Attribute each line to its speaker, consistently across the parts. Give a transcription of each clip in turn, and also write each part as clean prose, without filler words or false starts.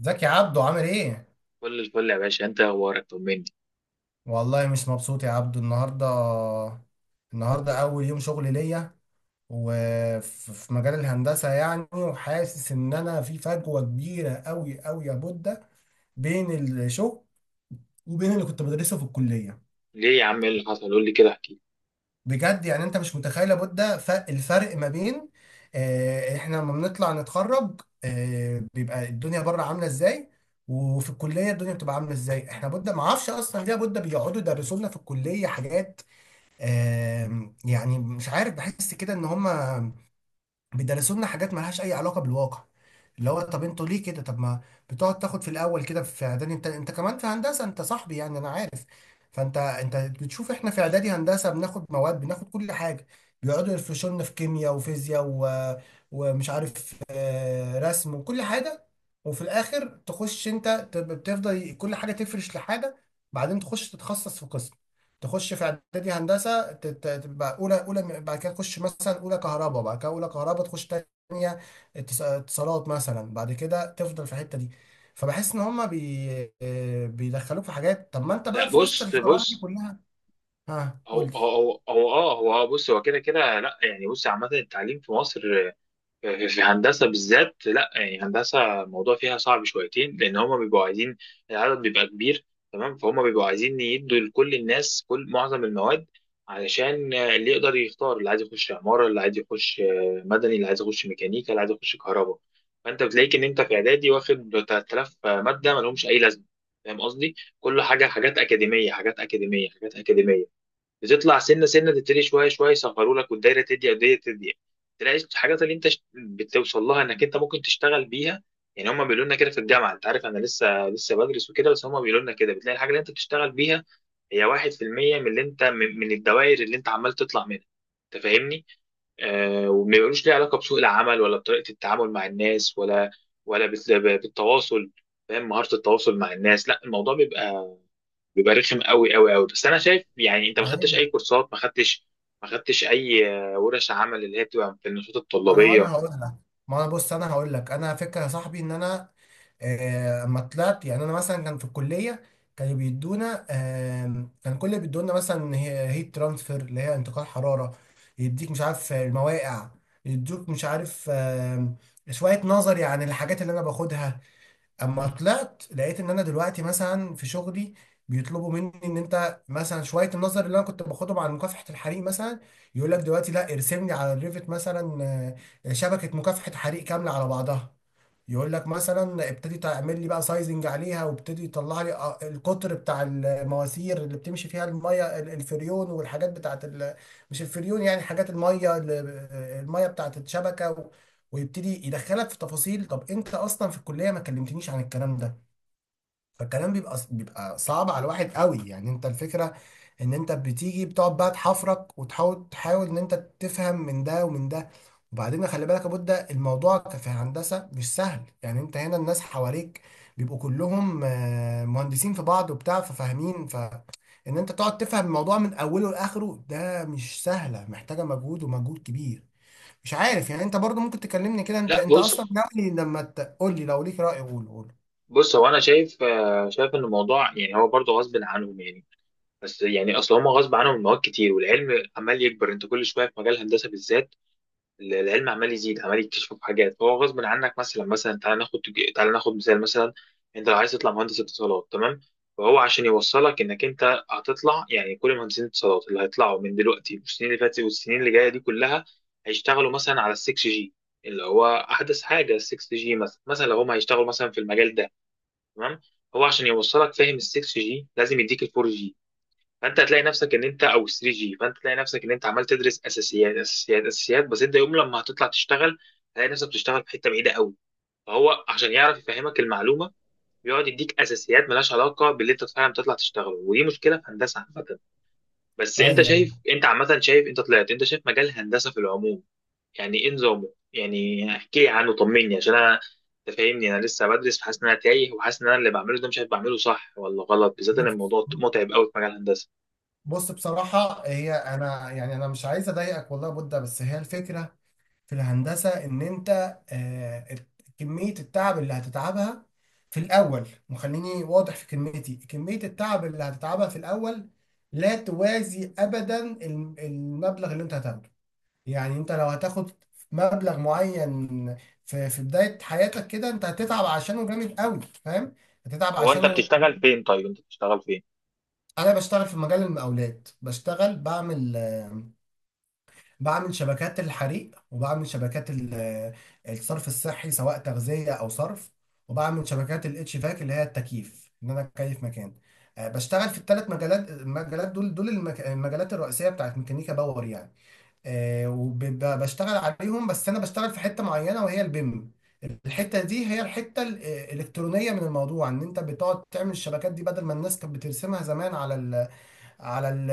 Speaker 1: ازيك يا عبدو؟ عامل ايه؟
Speaker 2: كل الفل يا باشا، انت اخبارك؟ طمني.
Speaker 1: والله مش مبسوط يا عبدو النهارده اول يوم شغل ليا، وفي مجال الهندسه يعني. وحاسس ان انا في فجوه كبيره قوي قوي يا بودة، بين الشغل وبين اللي كنت بدرسه في الكليه.
Speaker 2: ليه يا عم، ايه اللي حصل؟ قول لي كده، احكي لي.
Speaker 1: بجد يعني انت مش متخيل يا بودة، الفرق ما بين، احنا لما بنطلع نتخرج، بيبقى الدنيا بره عامله ازاي، وفي الكليه الدنيا بتبقى عامله ازاي. احنا بودة ما اعرفش اصلا ليه يا بودة بيقعدوا يدرسوا لنا في الكليه حاجات. يعني مش عارف، بحس كده ان هم بيدرسوا لنا حاجات مالهاش اي علاقه بالواقع. اللي هو، طب انتوا ليه كده؟ طب ما بتقعد تاخد في الاول كده في اعدادي، انت كمان في هندسه، انت صاحبي يعني انا عارف. فانت بتشوف، احنا في اعدادي هندسه بناخد مواد، بناخد كل حاجه. بيقعدوا يفرشوا لنا في كيمياء وفيزياء و ومش عارف، رسم وكل حاجه. وفي الاخر تخش انت بتفضل كل حاجه تفرش لحاجه، بعدين تخش تتخصص في قسم. تخش في اعدادي هندسه تبقى اولى، اولى بعد كده تخش مثلا اولى كهرباء، بعد كده اولى كهرباء تخش تانية اتصالات مثلا، بعد كده تفضل في الحته دي. فبحس ان هما بيدخلوك في حاجات. طب ما انت
Speaker 2: لا،
Speaker 1: بقى في وسط
Speaker 2: بص
Speaker 1: الفراغ دي
Speaker 2: بص.
Speaker 1: كلها! ها،
Speaker 2: هو
Speaker 1: قول
Speaker 2: هو هو هو اه هو اه بص، هو كده كده. لا يعني، بص، عامة التعليم في مصر، في هندسة بالذات، لا يعني، هندسة الموضوع فيها صعب شويتين لأن هما بيبقوا عايزين. العدد بيبقى كبير، تمام؟ فهم بيبقوا عايزين يدوا لكل الناس كل معظم المواد علشان اللي يقدر يختار، اللي عايز يخش عمارة، اللي عايز يخش مدني، اللي عايز يخش ميكانيكا، اللي عايز يخش كهرباء. فأنت بتلاقيك إن أنت في إعدادي واخد 3000 مادة مالهمش أي لازمة. فاهم قصدي؟ كل حاجة، حاجات أكاديمية، حاجات أكاديمية، حاجات أكاديمية، بتطلع سنه سنه تبتدي شويه شويه يصغروا لك، والدايره تضيق والدايره تضيق، تلاقي الحاجات اللي انت بتوصل لها انك انت ممكن تشتغل بيها. يعني هم بيقولوا لنا كده في الجامعه، انت عارف، انا لسه بدرس وكده، بس هم بيقولوا لنا كده، بتلاقي الحاجه اللي انت بتشتغل بيها هي 1% من اللي انت من الدوائر اللي انت عمال تطلع منها. انت فاهمني؟ وما بيقولوش ليه علاقه بسوق العمل، ولا بطريقه التعامل مع الناس، ولا بالتواصل، فاهم؟ مهاره التواصل مع الناس. لا، الموضوع بيبقى رخم قوي قوي قوي. بس انا شايف، يعني انت ما خدتش
Speaker 1: لي.
Speaker 2: اي كورسات، ما خدتش، ما خدتش اي ورش عمل اللي هي بتبقى في النشاط
Speaker 1: انا
Speaker 2: الطلابيه.
Speaker 1: هقول لك. ما انا، بص، انا هقول لك. انا فكره يا صاحبي ان انا، اما طلعت، يعني انا مثلا كان في الكليه كانوا بيدونا، كان كل اللي بيدونا مثلا هي هيت ترانسفير، اللي هي انتقال حراره. يديك مش عارف المواقع، يدوك مش عارف، شويه نظري عن الحاجات اللي انا باخدها. اما طلعت لقيت ان انا دلوقتي مثلا في شغلي بيطلبوا مني، ان انت مثلا شويه النظر اللي انا كنت باخدهم على مكافحه الحريق مثلا، يقول لك دلوقتي لا، ارسم لي على الريفت مثلا، شبكه مكافحه حريق كامله على بعضها. يقول لك مثلا ابتدي تعمل لي بقى سايزنج عليها، وابتدي يطلع لي، القطر بتاع المواسير اللي بتمشي فيها الميه، الفريون، والحاجات بتاعت مش الفريون يعني، حاجات الميه، الميه بتاعت الشبكه، و ويبتدي يدخلك في تفاصيل. طب انت اصلا في الكليه ما كلمتنيش عن الكلام ده. فالكلام بيبقى، صعب على الواحد قوي. يعني انت الفكرة ان انت بتيجي بتقعد بقى تحفرك، وتحاول ان انت تفهم من ده ومن ده. وبعدين خلي بالك يا بودة، الموضوع في هندسة مش سهل. يعني انت هنا الناس حواليك بيبقوا كلهم، مهندسين في بعض وبتاع، ففاهمين. ان انت تقعد تفهم الموضوع من اوله لاخره، ده مش سهلة، محتاجة مجهود، ومجهود كبير. مش عارف، يعني انت برضو ممكن تكلمني كده، انت
Speaker 2: لا،
Speaker 1: انت اصلا
Speaker 2: بص
Speaker 1: ناوي لما تقول لي، لو ليك رأي، قول، قول.
Speaker 2: بص، هو انا شايف، شايف ان الموضوع، يعني هو برضه غصب عنهم يعني. بس يعني اصل هم غصب عنهم مواد كتير، والعلم عمال يكبر، انت كل شويه في مجال الهندسه بالذات العلم عمال يزيد، عمال يكتشفوا في حاجات، هو غصب عنك. مثلا مثلا تعال ناخد مثال. مثلا انت لو عايز تطلع مهندس اتصالات، تمام؟ فهو عشان يوصلك انك انت هتطلع، يعني كل مهندسين الاتصالات اللي هيطلعوا من دلوقتي والسنين اللي فاتت والسنين اللي جايه دي كلها هيشتغلوا مثلا على ال 6 جي، اللي هو احدث حاجه، ال 6 جي. مثلا مثلا لو هم هيشتغلوا مثلا في المجال ده، تمام. هو عشان يوصلك فاهم ال 6 جي لازم يديك ال 4 جي، فانت هتلاقي نفسك ان انت، او 3 جي، فانت هتلاقي نفسك ان انت عمال تدرس اساسيات اساسيات اساسيات. بس انت يوم لما هتطلع تشتغل هتلاقي نفسك بتشتغل في حته بعيده قوي. فهو عشان يعرف يفهمك المعلومه بيقعد يديك اساسيات ملهاش علاقه باللي انت فعلا بتطلع تشتغله، ودي مشكله في هندسه عامه. بس انت
Speaker 1: ايوه.
Speaker 2: شايف، انت عامه شايف، انت طلعت، انت شايف مجال الهندسه في العموم، يعني ايه نظامه؟ يعني احكي لي عنه، طمني. عشان انا، انت فاهمني، انا لسه بدرس، فحاسس ان انا تايه وحاسس ان انا اللي بعمله ده مش عارف بعمله صح ولا غلط، بالذات ان الموضوع متعب قوي في مجال الهندسه.
Speaker 1: بص، بصراحة، هي أنا يعني أنا مش عايز أضايقك والله يا بودة، بس هي الفكرة في الهندسة، إن أنت، آه، كمية التعب اللي هتتعبها في الأول، وخليني واضح في كلمتي، كمية التعب اللي هتتعبها في الأول لا توازي أبدا المبلغ اللي أنت هتاخده. يعني أنت لو هتاخد مبلغ معين، في بداية حياتك كده، أنت هتتعب عشانه جامد قوي. فاهم؟ هتتعب
Speaker 2: هو انت
Speaker 1: عشانه.
Speaker 2: بتشتغل فين؟ طيب انت بتشتغل فين؟
Speaker 1: أنا بشتغل في مجال المقاولات، بشتغل، بعمل شبكات الحريق، وبعمل شبكات الصرف الصحي، سواء تغذية أو صرف. وبعمل شبكات الاتش فاك، اللي هي التكييف، إن أنا أكيف مكان. بشتغل في الثلاث مجالات. دول المجالات الرئيسية بتاعت ميكانيكا باور يعني. وبشتغل عليهم. بس أنا بشتغل في حتة معينة وهي البيم. الحتة دي هي الحتة، الإلكترونية، من الموضوع إن أنت بتقعد تعمل الشبكات دي بدل ما الناس كانت بترسمها زمان على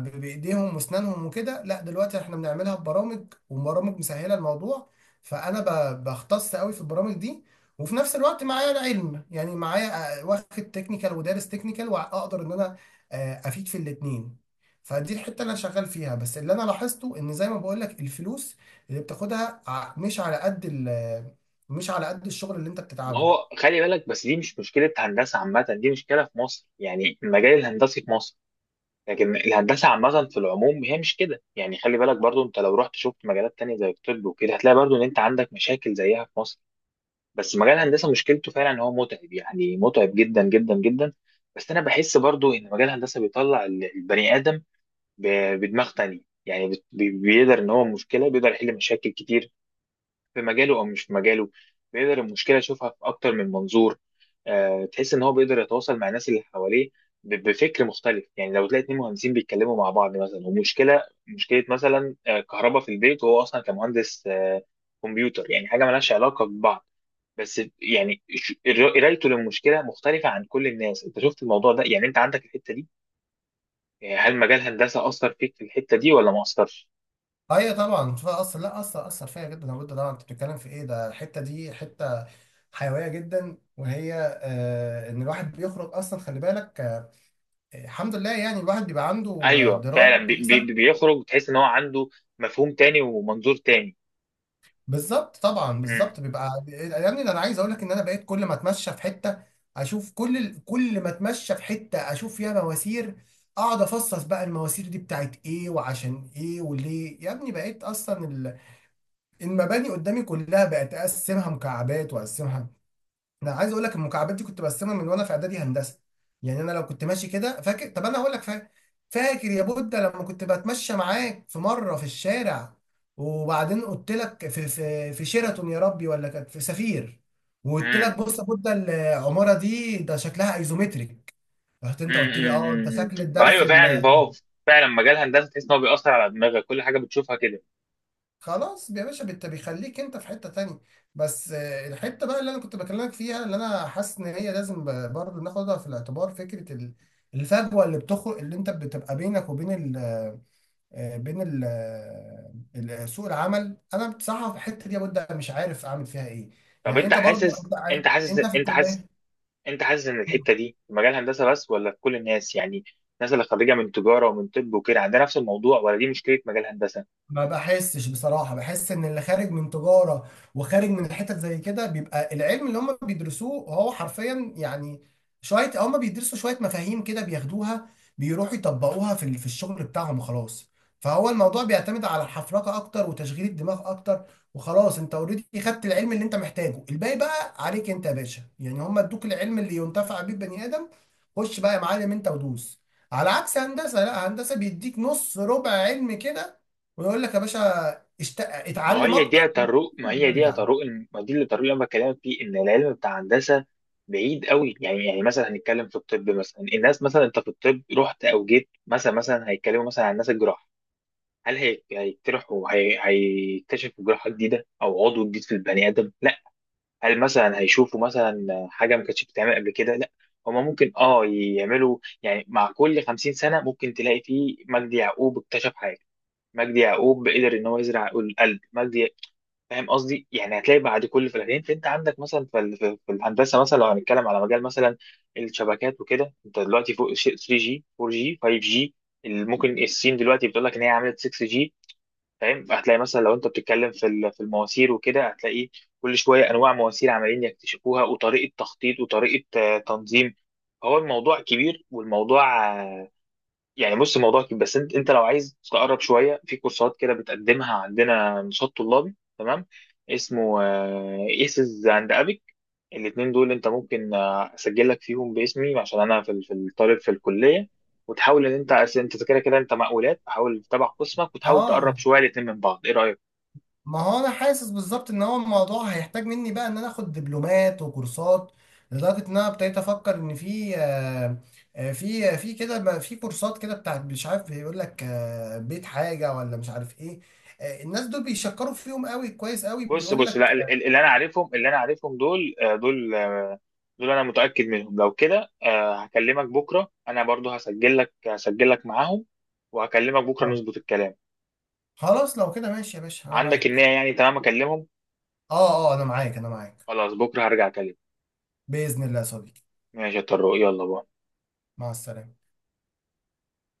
Speaker 1: بايديهم واسنانهم وكده. لا، دلوقتي احنا بنعملها ببرامج، وبرامج مسهله الموضوع. فانا، بختص قوي في البرامج دي. وفي نفس الوقت معايا العلم، يعني معايا، واخد تكنيكال، ودارس تكنيكال، واقدر ان انا، افيد في الاتنين. فدي الحته اللي انا شغال فيها. بس اللي انا لاحظته، ان زي ما بقول لك، الفلوس اللي بتاخدها، مش على قد مش على قد الشغل اللي انت
Speaker 2: ما
Speaker 1: بتتعبه.
Speaker 2: هو خلي بالك بس، دي مش مشكله هندسه عامه، دي مشكله في مصر، يعني المجال الهندسي في مصر. لكن الهندسه عامه في العموم هي مش كده. يعني خلي بالك برضو، انت لو رحت شفت مجالات تانية زي الطب وكده هتلاقي برضو ان انت عندك مشاكل زيها في مصر. بس مجال الهندسه مشكلته فعلا ان هو متعب، يعني متعب جدا جدا جدا. بس انا بحس برضو ان مجال الهندسه بيطلع البني ادم بدماغ تانية. يعني بيقدر ان هو مشكله، بيقدر يحل مشاكل كتير في مجاله او مش في مجاله. بيقدر المشكله يشوفها في اكتر من منظور. تحس ان هو بيقدر يتواصل مع الناس اللي حواليه بفكر مختلف. يعني لو تلاقي اتنين مهندسين بيتكلموا مع بعض مثلا، ومشكله مشكله مثلا كهرباء في البيت، وهو اصلا كمهندس كمبيوتر، يعني حاجه مالهاش علاقه ببعض، بس يعني قرايته للمشكله مختلفه عن كل الناس. انت شفت الموضوع ده؟ يعني انت عندك الحته دي. يعني هل مجال هندسه اثر فيك في الحته دي ولا ما اثرش؟
Speaker 1: ايوه طبعا. فاثر؟ لا، اثر، اثر فيا جدا، لابد طبعا. انت بتتكلم في ايه؟ ده الحته دي حته حيويه جدا، وهي، ان الواحد بيخرج اصلا خلي بالك، الحمد لله يعني الواحد بيبقى عنده،
Speaker 2: ايوه
Speaker 1: درايه
Speaker 2: فعلا. بي
Speaker 1: كويسه.
Speaker 2: بي بيخرج تحس ان هو عنده مفهوم تاني ومنظور تاني.
Speaker 1: بالظبط، طبعا،
Speaker 2: امم.
Speaker 1: بالظبط بيبقى يعني. ده انا عايز اقول لك ان انا بقيت كل ما اتمشى في حته اشوف، كل ما اتمشى في حته اشوف فيها مواسير. اقعد افصص بقى، المواسير دي بتاعت ايه وعشان ايه وليه يا ابني. بقيت اصلا المباني قدامي كلها بقت اقسمها مكعبات، واقسمها. انا عايز اقول لك المكعبات دي كنت برسمها من وانا في اعدادي هندسه. يعني انا لو كنت ماشي كده، فاكر؟ طب انا هقول لك. فاكر فاكر يا بودة لما كنت بتمشى معاك في مره في الشارع؟ وبعدين قلت لك في، في شيراتون يا ربي ولا كانت في سفير، وقلت
Speaker 2: امم.
Speaker 1: لك بص يا بودة، العماره دي ده شكلها ايزومتريك. رحت انت
Speaker 2: امم.
Speaker 1: قلت
Speaker 2: امم.
Speaker 1: لي: اه انت،
Speaker 2: إمم، إمم.
Speaker 1: شكل الدرس.
Speaker 2: فايوه فعلا، فهو فعلا مجال هندسه تحس ان هو بيأثر على دماغك، كل حاجه بتشوفها كده.
Speaker 1: خلاص يا باشا، انت بيخليك انت في حتة تانية. بس، الحتة بقى اللي انا كنت بكلمك فيها، اللي انا حاسس ان هي لازم برضه ناخدها في الاعتبار، فكرة الفجوة اللي بتخرج اللي انت بتبقى بينك وبين ال، بين ال، سوق العمل. انا بصراحة في الحتة دي يا بود مش عارف اعمل فيها ايه.
Speaker 2: طب
Speaker 1: يعني انت برضه انت، أنت في الكلية.
Speaker 2: انت حاسس ان الحته دي في مجال هندسه بس، ولا في كل الناس؟ يعني الناس اللي خريجه من تجاره ومن طب وكده عندها نفس الموضوع؟ ولا دي مشكله مجال هندسه؟
Speaker 1: ما بحسش بصراحة، بحس ان اللي خارج من تجارة، وخارج من حتت زي كده، بيبقى العلم اللي هم بيدرسوه هو حرفيا، يعني شوية. هم بيدرسوا شوية مفاهيم كده بياخدوها، بيروحوا يطبقوها في في الشغل بتاعهم وخلاص. فهو الموضوع بيعتمد على الحفرقة اكتر، وتشغيل الدماغ اكتر وخلاص. انت اوريدي خدت العلم اللي انت محتاجه، الباقي بقى عليك انت يا باشا. يعني هم ادوك العلم اللي ينتفع بيه بني ادم. خش بقى يا معلم انت ودوس. على عكس هندسة، لا، هندسة بيديك نص ربع علم كده، ويقول لك يا باشا:
Speaker 2: ما
Speaker 1: اتعلم
Speaker 2: هي دي
Speaker 1: اكتر
Speaker 2: يا طارق، ما هي دي يا
Speaker 1: وارجع.
Speaker 2: طارق الم- ما دي اللي طارق اللي انا بكلمك فيه، ان العلم بتاع هندسه بعيد قوي. يعني مثلا هنتكلم في الطب مثلا، الناس مثلا انت في الطب رحت او جيت، مثلا مثلا هيتكلموا مثلا عن الناس الجراح، هل هيجترحوا، هيكتشفوا جراحه جديده او عضو جديد في البني ادم؟ لا. هل مثلا هيشوفوا مثلا حاجه ما كانتش بتتعمل قبل كده؟ لا. هما ممكن اه يعملوا، يعني مع كل 50 سنه ممكن تلاقي فيه مجدي يعقوب اكتشف حاجه، مجدي يعقوب قدر ان هو يزرع القلب. مجدي، فاهم قصدي؟ يعني هتلاقي بعد كل فلاتين. انت عندك مثلا في في الهندسه، مثلا لو هنتكلم على مجال مثلا الشبكات وكده، انت دلوقتي فوق شيء 3G 4G 5G. ممكن الصين دلوقتي بتقول لك ان هي عملت 6G، فاهم؟ هتلاقي مثلا لو انت بتتكلم في المواسير وكده، هتلاقي كل شويه انواع مواسير عمالين يكتشفوها، وطريقه تخطيط، وطريقه تنظيم. هو الموضوع كبير، والموضوع، يعني بص، الموضوع كده بس. انت لو عايز تقرب شويه، في كورسات كده بتقدمها عندنا نشاط طلابي تمام، اسمه ايسز اند ابيك. الاثنين دول انت ممكن اسجل لك فيهم باسمي، عشان انا في الطالب في الكليه. وتحاول ان انت انت كده كده انت مقاولات، تحاول تتابع قسمك وتحاول تقرب
Speaker 1: اه،
Speaker 2: شويه الاثنين من بعض، ايه رايك؟
Speaker 1: ما هو انا حاسس بالظبط ان هو الموضوع هيحتاج مني بقى ان انا اخد دبلومات وكورسات، لدرجه ان انا ابتديت افكر ان في، في كده في كورسات كده بتاعت، مش عارف، بيقول لك، بيت حاجه ولا مش عارف ايه. الناس دول بيشكروا فيهم قوي، كويس قوي،
Speaker 2: بص
Speaker 1: بيقول
Speaker 2: بص، لا
Speaker 1: لك.
Speaker 2: ال- ال- اللي انا عارفهم، دول، انا متاكد منهم. لو كده، هكلمك بكره. انا برضو هسجل لك معاهم، وهكلمك بكره
Speaker 1: اه،
Speaker 2: نظبط الكلام.
Speaker 1: خلاص، لو كده ماشي يا باشا انا
Speaker 2: عندك النية
Speaker 1: معاك.
Speaker 2: يعني؟ تمام، اكلمهم.
Speaker 1: اه، اه، انا معاك، انا معاك.
Speaker 2: خلاص، بكره هرجع اكلمك.
Speaker 1: باذن الله يا صديقي.
Speaker 2: ماشي يا طارق، يلا باي.
Speaker 1: مع السلامه.